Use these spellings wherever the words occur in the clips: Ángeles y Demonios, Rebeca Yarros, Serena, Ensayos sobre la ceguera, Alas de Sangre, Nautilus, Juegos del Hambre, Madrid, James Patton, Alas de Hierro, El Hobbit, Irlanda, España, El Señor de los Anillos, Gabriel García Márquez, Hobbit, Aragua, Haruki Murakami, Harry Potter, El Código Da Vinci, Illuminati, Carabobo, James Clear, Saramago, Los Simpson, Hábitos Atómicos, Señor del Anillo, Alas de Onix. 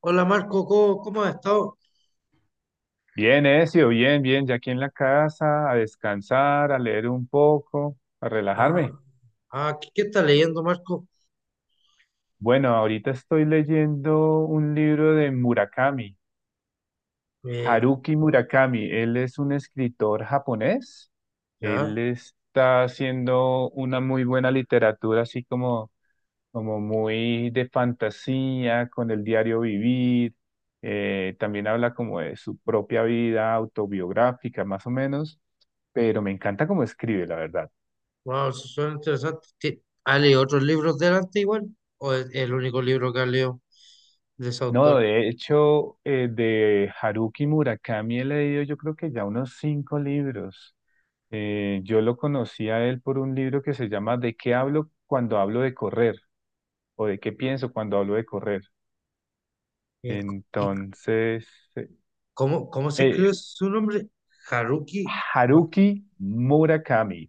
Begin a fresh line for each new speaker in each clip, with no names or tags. Hola Marco, ¿cómo has estado?
Bien, Ezio, bien, bien, ya aquí en la casa, a descansar, a leer un poco, a
Ah,
relajarme.
¿qué estás leyendo, Marco?
Bueno, ahorita estoy leyendo un libro de Murakami,
Eh,
Haruki Murakami. Él es un escritor japonés.
ya,
Él está haciendo una muy buena literatura, así como muy de fantasía, con el diario vivir. También habla como de su propia vida autobiográfica, más o menos, pero me encanta cómo escribe, la verdad.
wow, eso suena interesante. ¿Has leído otros libros delante igual? ¿O es el único libro que has leído de ese
No,
autor?
de hecho, de Haruki Murakami he leído yo creo que ya unos 5 libros. Yo lo conocí a él por un libro que se llama ¿De qué hablo cuando hablo de correr? O ¿De qué pienso cuando hablo de correr?
Eh, c- ¿Y
Entonces, eh,
cómo se
eh,
escribe su nombre? Haruki Mu-
Haruki Murakami.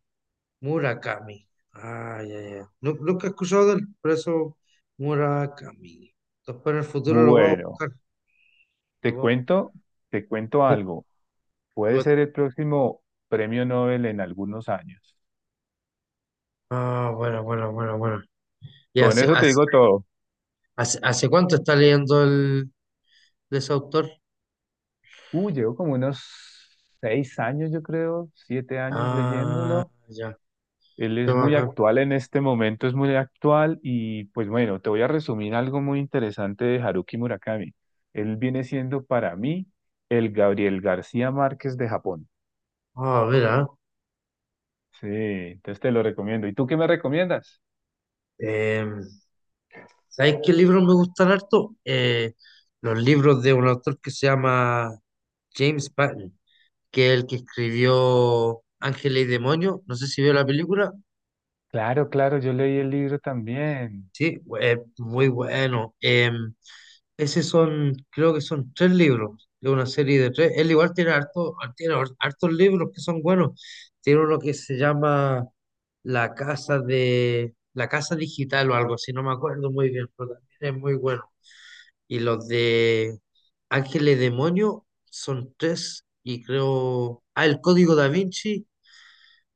Murakami. Ah, ya, ya. Nunca he escuchado del preso Murakami. Después en el futuro lo voy a
Bueno,
buscar. Lo
te
voy a buscar.
cuento, te cuento
Sí.
algo. Puede ser el próximo premio Nobel en algunos años.
Ah, bueno, bueno, bueno, bueno. Y
Con
así,
eso te digo todo.
¿hace cuánto está leyendo el, de ese autor?
Llevo como unos 6 años, yo creo, 7 años
Ah,
leyéndolo.
ya,
Él
qué
es muy
bacán.
actual en este momento, es muy actual y pues bueno, te voy a resumir algo muy interesante de Haruki Murakami. Él viene siendo para mí el Gabriel García Márquez de Japón.
Ah, a ver, ah.
Sí, entonces te lo recomiendo. ¿Y tú qué me recomiendas?
Eh, ¿Sabes qué libros me gustan harto? Los libros de un autor que se llama James Patton, que es el que escribió Ángeles y Demonios. No sé si vio la película.
Claro, claro, yo leí el libro también.
Sí, muy bueno. Ese son, creo que son tres libros de una serie de tres. Él igual tiene harto, tiene hartos libros que son buenos. Tiene uno que se llama La Casa de, La Casa Digital o algo así, no me acuerdo muy bien, pero también es muy bueno. Y los de Ángeles Demonio son tres, y creo. Ah, el Código Da Vinci,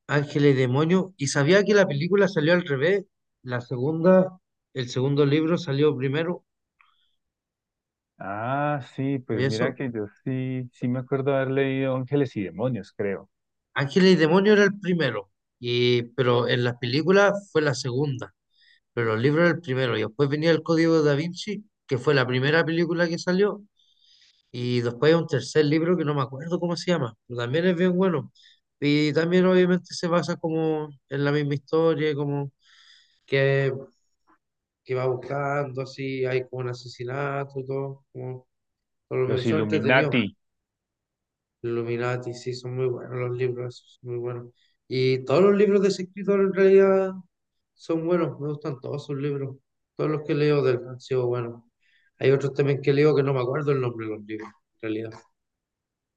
Ángeles Demonio. Y sabía que la película salió al revés. La segunda, el segundo libro salió primero.
Ah, sí,
Y
pues mira
eso,
que yo sí, sí me acuerdo haber leído Ángeles y Demonios, creo.
Ángeles y Demonios era el primero, y, pero en las películas fue la segunda, pero los libros era el primero, y después venía El Código de Da Vinci, que fue la primera película que salió, y después hay un tercer libro que no me acuerdo cómo se llama, pero también es bien bueno, y también obviamente se basa como en la misma historia, como que, que va buscando, así hay como un asesinato, y todo, como todo lo mismo,
Los
son entretenidos.
Illuminati.
Illuminati, sí, son muy buenos los libros, esos, son muy buenos. Y todos los libros de ese escritor en realidad son buenos, me gustan todos sus libros. Todos los que leo del han sido buenos. Hay otros también que leo que no me acuerdo el nombre de los libros, en realidad.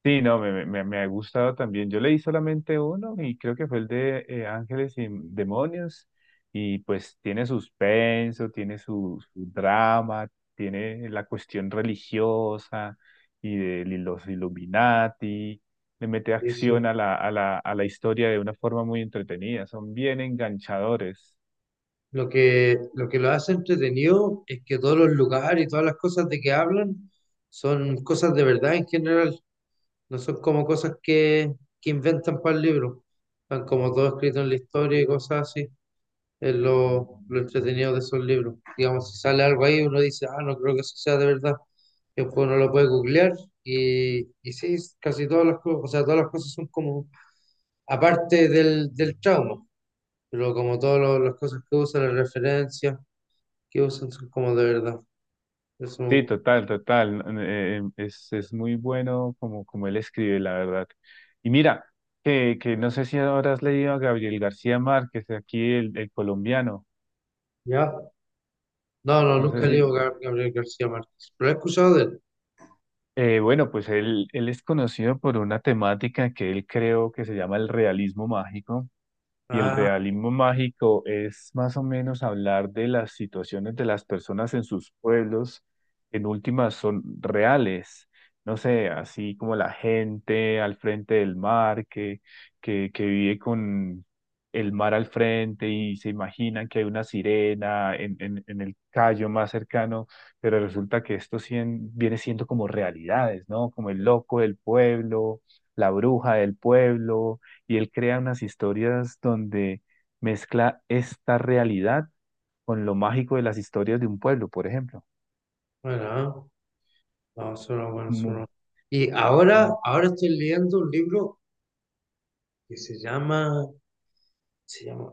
Sí, no, me ha gustado también. Yo leí solamente uno y creo que fue el de Ángeles y Demonios. Y pues tiene suspenso, tiene su drama, tiene la cuestión religiosa y de los Illuminati. Le mete
Sí,
acción
sí.
a la historia de una forma muy entretenida. Son bien enganchadores.
Lo que lo hace entretenido es que todos los lugares y todas las cosas de que hablan son cosas de verdad en general, no son como cosas que inventan para el libro, están como todo escrito en la historia y cosas así. Es lo entretenido de esos libros. Digamos, si sale algo ahí, uno dice, ah, no creo que eso sea de verdad. Después uno lo puede googlear y sí, casi todas las cosas, o sea, todas las cosas son como, aparte del trauma, pero como todas las cosas que usan, las referencias que usan son como de verdad. Eso, me
Sí,
gusta.
total, total, ¿no? Es muy bueno como él escribe, la verdad. Y mira, que no sé si ahora has leído a Gabriel García Márquez, aquí el colombiano.
¿Ya? No, no,
No sé
nunca he leído
si...
Gabriel García Márquez, pero he escuchado de él.
bueno, pues él es conocido por una temática que él creó que se llama el realismo mágico. Y el
Ah,
realismo mágico es más o menos hablar de las situaciones de las personas en sus pueblos, en últimas son reales, no sé, así como la gente al frente del mar, que vive con el mar al frente y se imaginan que hay una sirena en el callo más cercano, pero resulta que esto viene siendo como realidades, ¿no? Como el loco del pueblo, la bruja del pueblo y él crea unas historias donde mezcla esta realidad con lo mágico de las historias de un pueblo, por ejemplo.
bueno, ah. No, eso no, bueno, eso
Mu-
no. Y ahora estoy leyendo un libro que se llama se llama,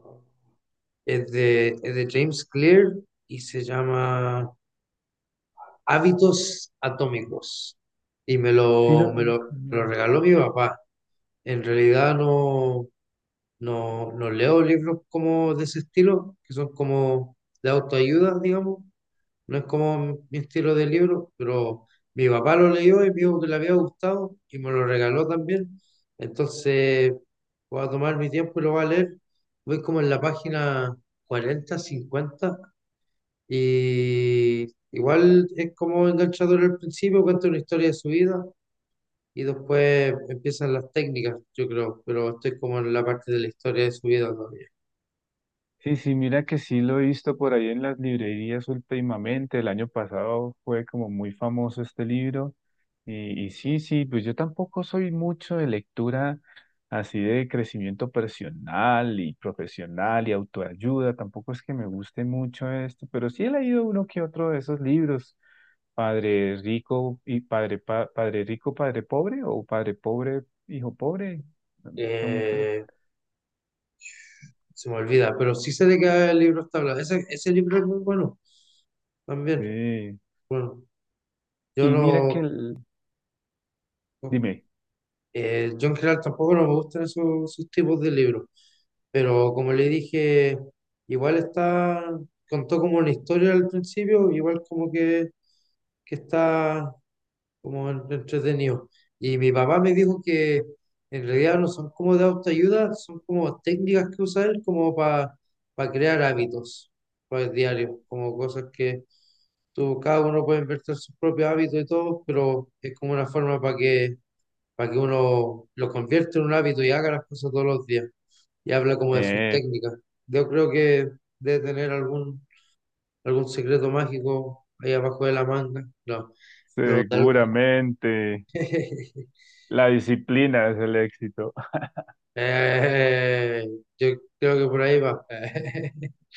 es de James Clear y se llama Hábitos Atómicos. Y me
Sí,
lo, me
ah, ok,
lo, me lo
no.
regaló mi papá. En realidad no, no leo libros como de ese estilo, que son como de autoayuda, digamos, no es como mi estilo de libro, pero mi papá lo leyó y me dijo que le había gustado y me lo regaló también. Entonces voy a tomar mi tiempo y lo voy a leer. Voy como en la página 40 50 y igual es como enganchador al principio, cuenta una historia de su vida y después empiezan las técnicas, yo creo, pero estoy como en la parte de la historia de su vida todavía.
Sí, sí, mira que sí lo he visto por ahí en las librerías últimamente. El año pasado fue como muy famoso este libro. Y sí, sí, pues yo tampoco soy mucho de lectura así de crecimiento personal y profesional y autoayuda. Tampoco es que me guste mucho esto, pero sí he leído uno que otro de esos libros. Padre rico y padre rico, padre pobre o padre pobre, hijo pobre. Son- creo-
Eh, se me olvida, pero sí sé de qué libro está hablando. Ese libro es muy bueno también.
Sí.
Bueno, yo
Y mira que
no, no,
dime.
yo en general tampoco no me gustan esos, esos tipos de libros, pero como le dije, igual está, contó como una historia al principio, igual como que está como entretenido. Y mi papá me dijo que en realidad no son como de autoayuda, son como técnicas que usa él como para crear hábitos para el diario, como cosas que tú, cada uno puede invertir sus propios hábitos y todo, pero es como una forma para para que uno lo convierta en un hábito y haga las cosas todos los días. Y habla como de sus
Eh,
técnicas. Yo creo que debe tener algún secreto mágico ahí abajo de la manga. No, pero tal-
Seguramente la disciplina es el éxito.
Eh, yo creo que por ahí va.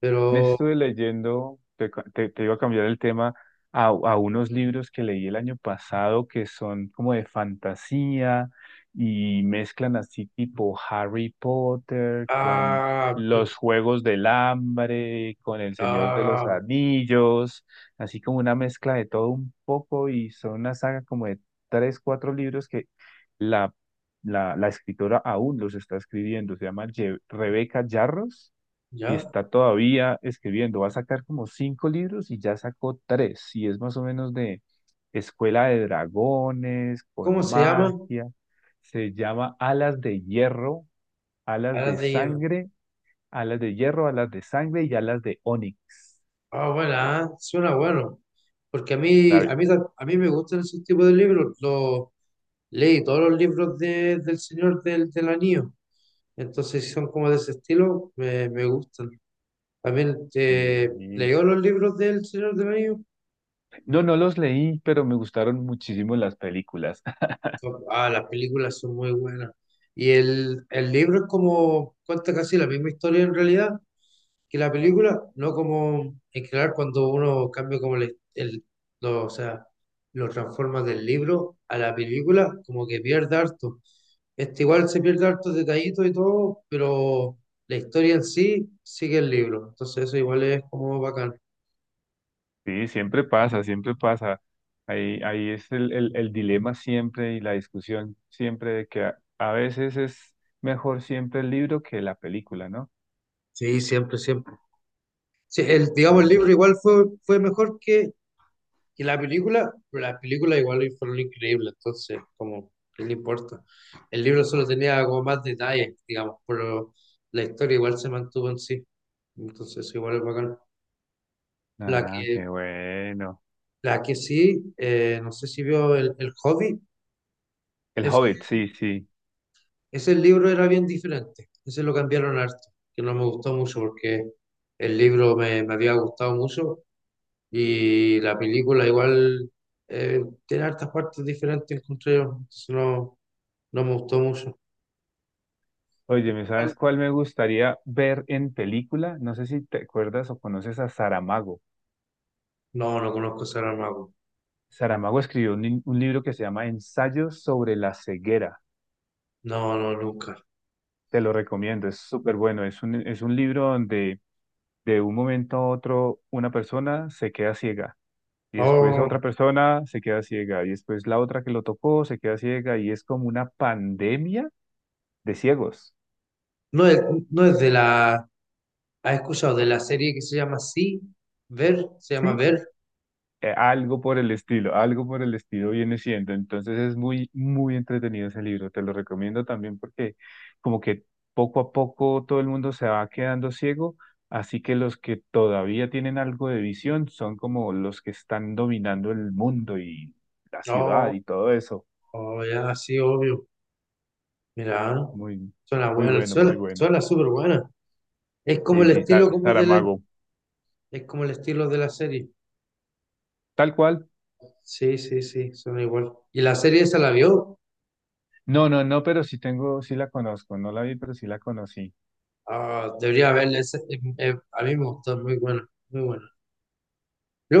Pero,
Estuve leyendo, te iba a cambiar el tema, a unos libros que leí el año pasado que son como de fantasía y mezclan así tipo Harry Potter con
ah,
los Juegos del Hambre, con El Señor de los
ah,
Anillos, así como una mezcla de todo un poco y son una saga como de 3, 4 libros que la, la escritora aún los está escribiendo, se llama Rebeca Yarros y
ya,
está todavía escribiendo. Va a sacar como 5 libros y ya sacó 3, y es más o menos de Escuela de Dragones,
¿cómo
con
se llama?
magia. Se llama Alas de
Alas de hierro.
Sangre, Alas de Hierro, Alas de Sangre y Alas de Onix.
Ah, bueno, ah, suena bueno. Porque
¿Sabe?
a mí me gustan esos tipos de libros. Los, leí todos los libros del Señor del, del Anillo. Entonces, si son como de ese estilo, me gustan. También
Y-
leyó los libros del Señor del Anillo.
No, no los leí, pero me gustaron muchísimo las películas.
Son- Ah, las películas son muy buenas. Y el libro es como, cuenta casi la misma historia en realidad que la película, no como en general cuando uno cambia como el, o sea, lo transforma del libro a la película, como que pierde harto. Este igual se pierde harto detallitos y todo, pero la historia en sí sigue el libro. Entonces eso igual es como bacán.
Sí, siempre pasa, siempre pasa. Ahí es el dilema siempre y la discusión siempre de que a veces es mejor siempre el libro que la película, ¿no?
Sí, siempre, siempre. Sí, el,
Sí.
digamos, el libro igual fue mejor que. Y la película, las películas igual fueron increíbles, entonces, como, ¿qué le importa? El libro solo tenía como más detalles, digamos, pero la historia igual se mantuvo en sí. Entonces, eso igual es bacán. La
Ah,
que,
qué bueno.
la que sí, no sé si vio el Hobbit,
El
es,
Hobbit, sí, sí.
ese libro era bien diferente. Ese lo cambiaron harto, que no me gustó mucho porque el libro me había gustado mucho y la película igual tiene hartas partes diferentes, encontré yo. Entonces, no. No me gustó mucho.
Oye, ¿me
¿Cuál?
sabes cuál me gustaría ver en película? No sé si te acuerdas o conoces a Saramago.
No, no conozco Sarah Mago.
Saramago escribió un libro que se llama Ensayos sobre la ceguera.
No, no, nunca.
Te lo recomiendo, es súper bueno. Es un libro donde de un momento a otro una persona se queda ciega y después
Oh,
otra persona se queda ciega y después la otra que lo tocó se queda ciega y es como una pandemia de ciegos,
no es, no es de la. ¿Has escuchado de la serie que se llama Sí? ¿Ver? ¿Se llama
¿sí?
Ver?
Algo por el estilo, algo por el estilo viene siendo. Entonces es muy, muy entretenido ese libro. Te lo recomiendo también porque como que poco a poco todo el mundo se va quedando ciego. Así que los que todavía tienen algo de visión son como los que están dominando el mundo y la
Oh,
ciudad y todo eso.
oh, ya, sí, obvio. Mira, ¿eh?
Muy,
Suena
muy
buena,
bueno,
suena,
muy bueno.
suena súper buena. Es como
Sí,
el
sí,
estilo como
Saramago.
es como el estilo de la serie.
Tal cual.
Sí, sí, sí, suena igual. ¿Y la serie esa la vio?
No, no, no, pero sí tengo, sí la conozco. No la vi, pero sí la conocí.
Ah, debería verla. Esa- a mí me gustó, muy buena, muy buena.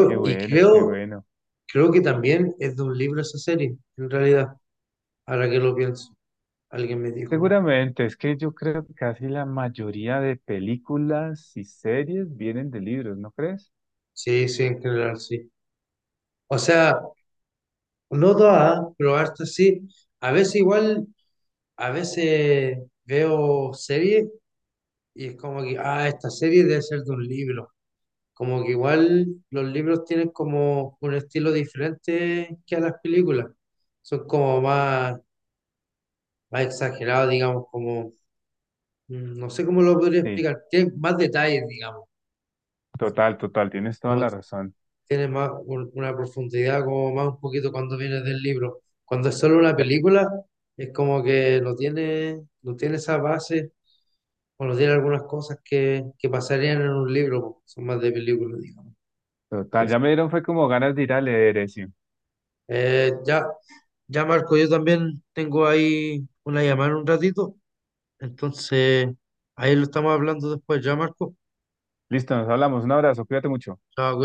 Qué
y
bueno, qué
creo
bueno.
creo que también es de un libro esa serie, en realidad, ahora que lo pienso. Alguien me dijo, ¿no?
Seguramente, es que yo creo que casi la mayoría de películas y series vienen de libros, ¿no crees?
Sí, sí, en general, sí. O sea, no todas, pero harta sí. A veces igual, a veces veo series y es como que, ah, esta serie debe ser de un libro. Como que igual los libros tienen como un estilo diferente que a las películas. Son como más, más exagerados, digamos, como, mm, no sé cómo lo podría
Sí,
explicar, tienen más detalles, digamos
total, total, tienes toda la razón.
tiene más una profundidad, como más un poquito cuando viene del libro. Cuando es solo una
Ya,
película, es como que no tiene, no tiene esa base o no tiene algunas cosas que pasarían en un libro, po. Son más de película, digamos. A
total,
veces.
ya me dieron, fue como ganas de ir a leer eso.
Ya, ya Marco, yo también tengo ahí una llamada en un ratito, entonces ahí lo estamos hablando después, ya Marco.
Listo, nos hablamos. Un abrazo, cuídate mucho.
Chao, cuídate.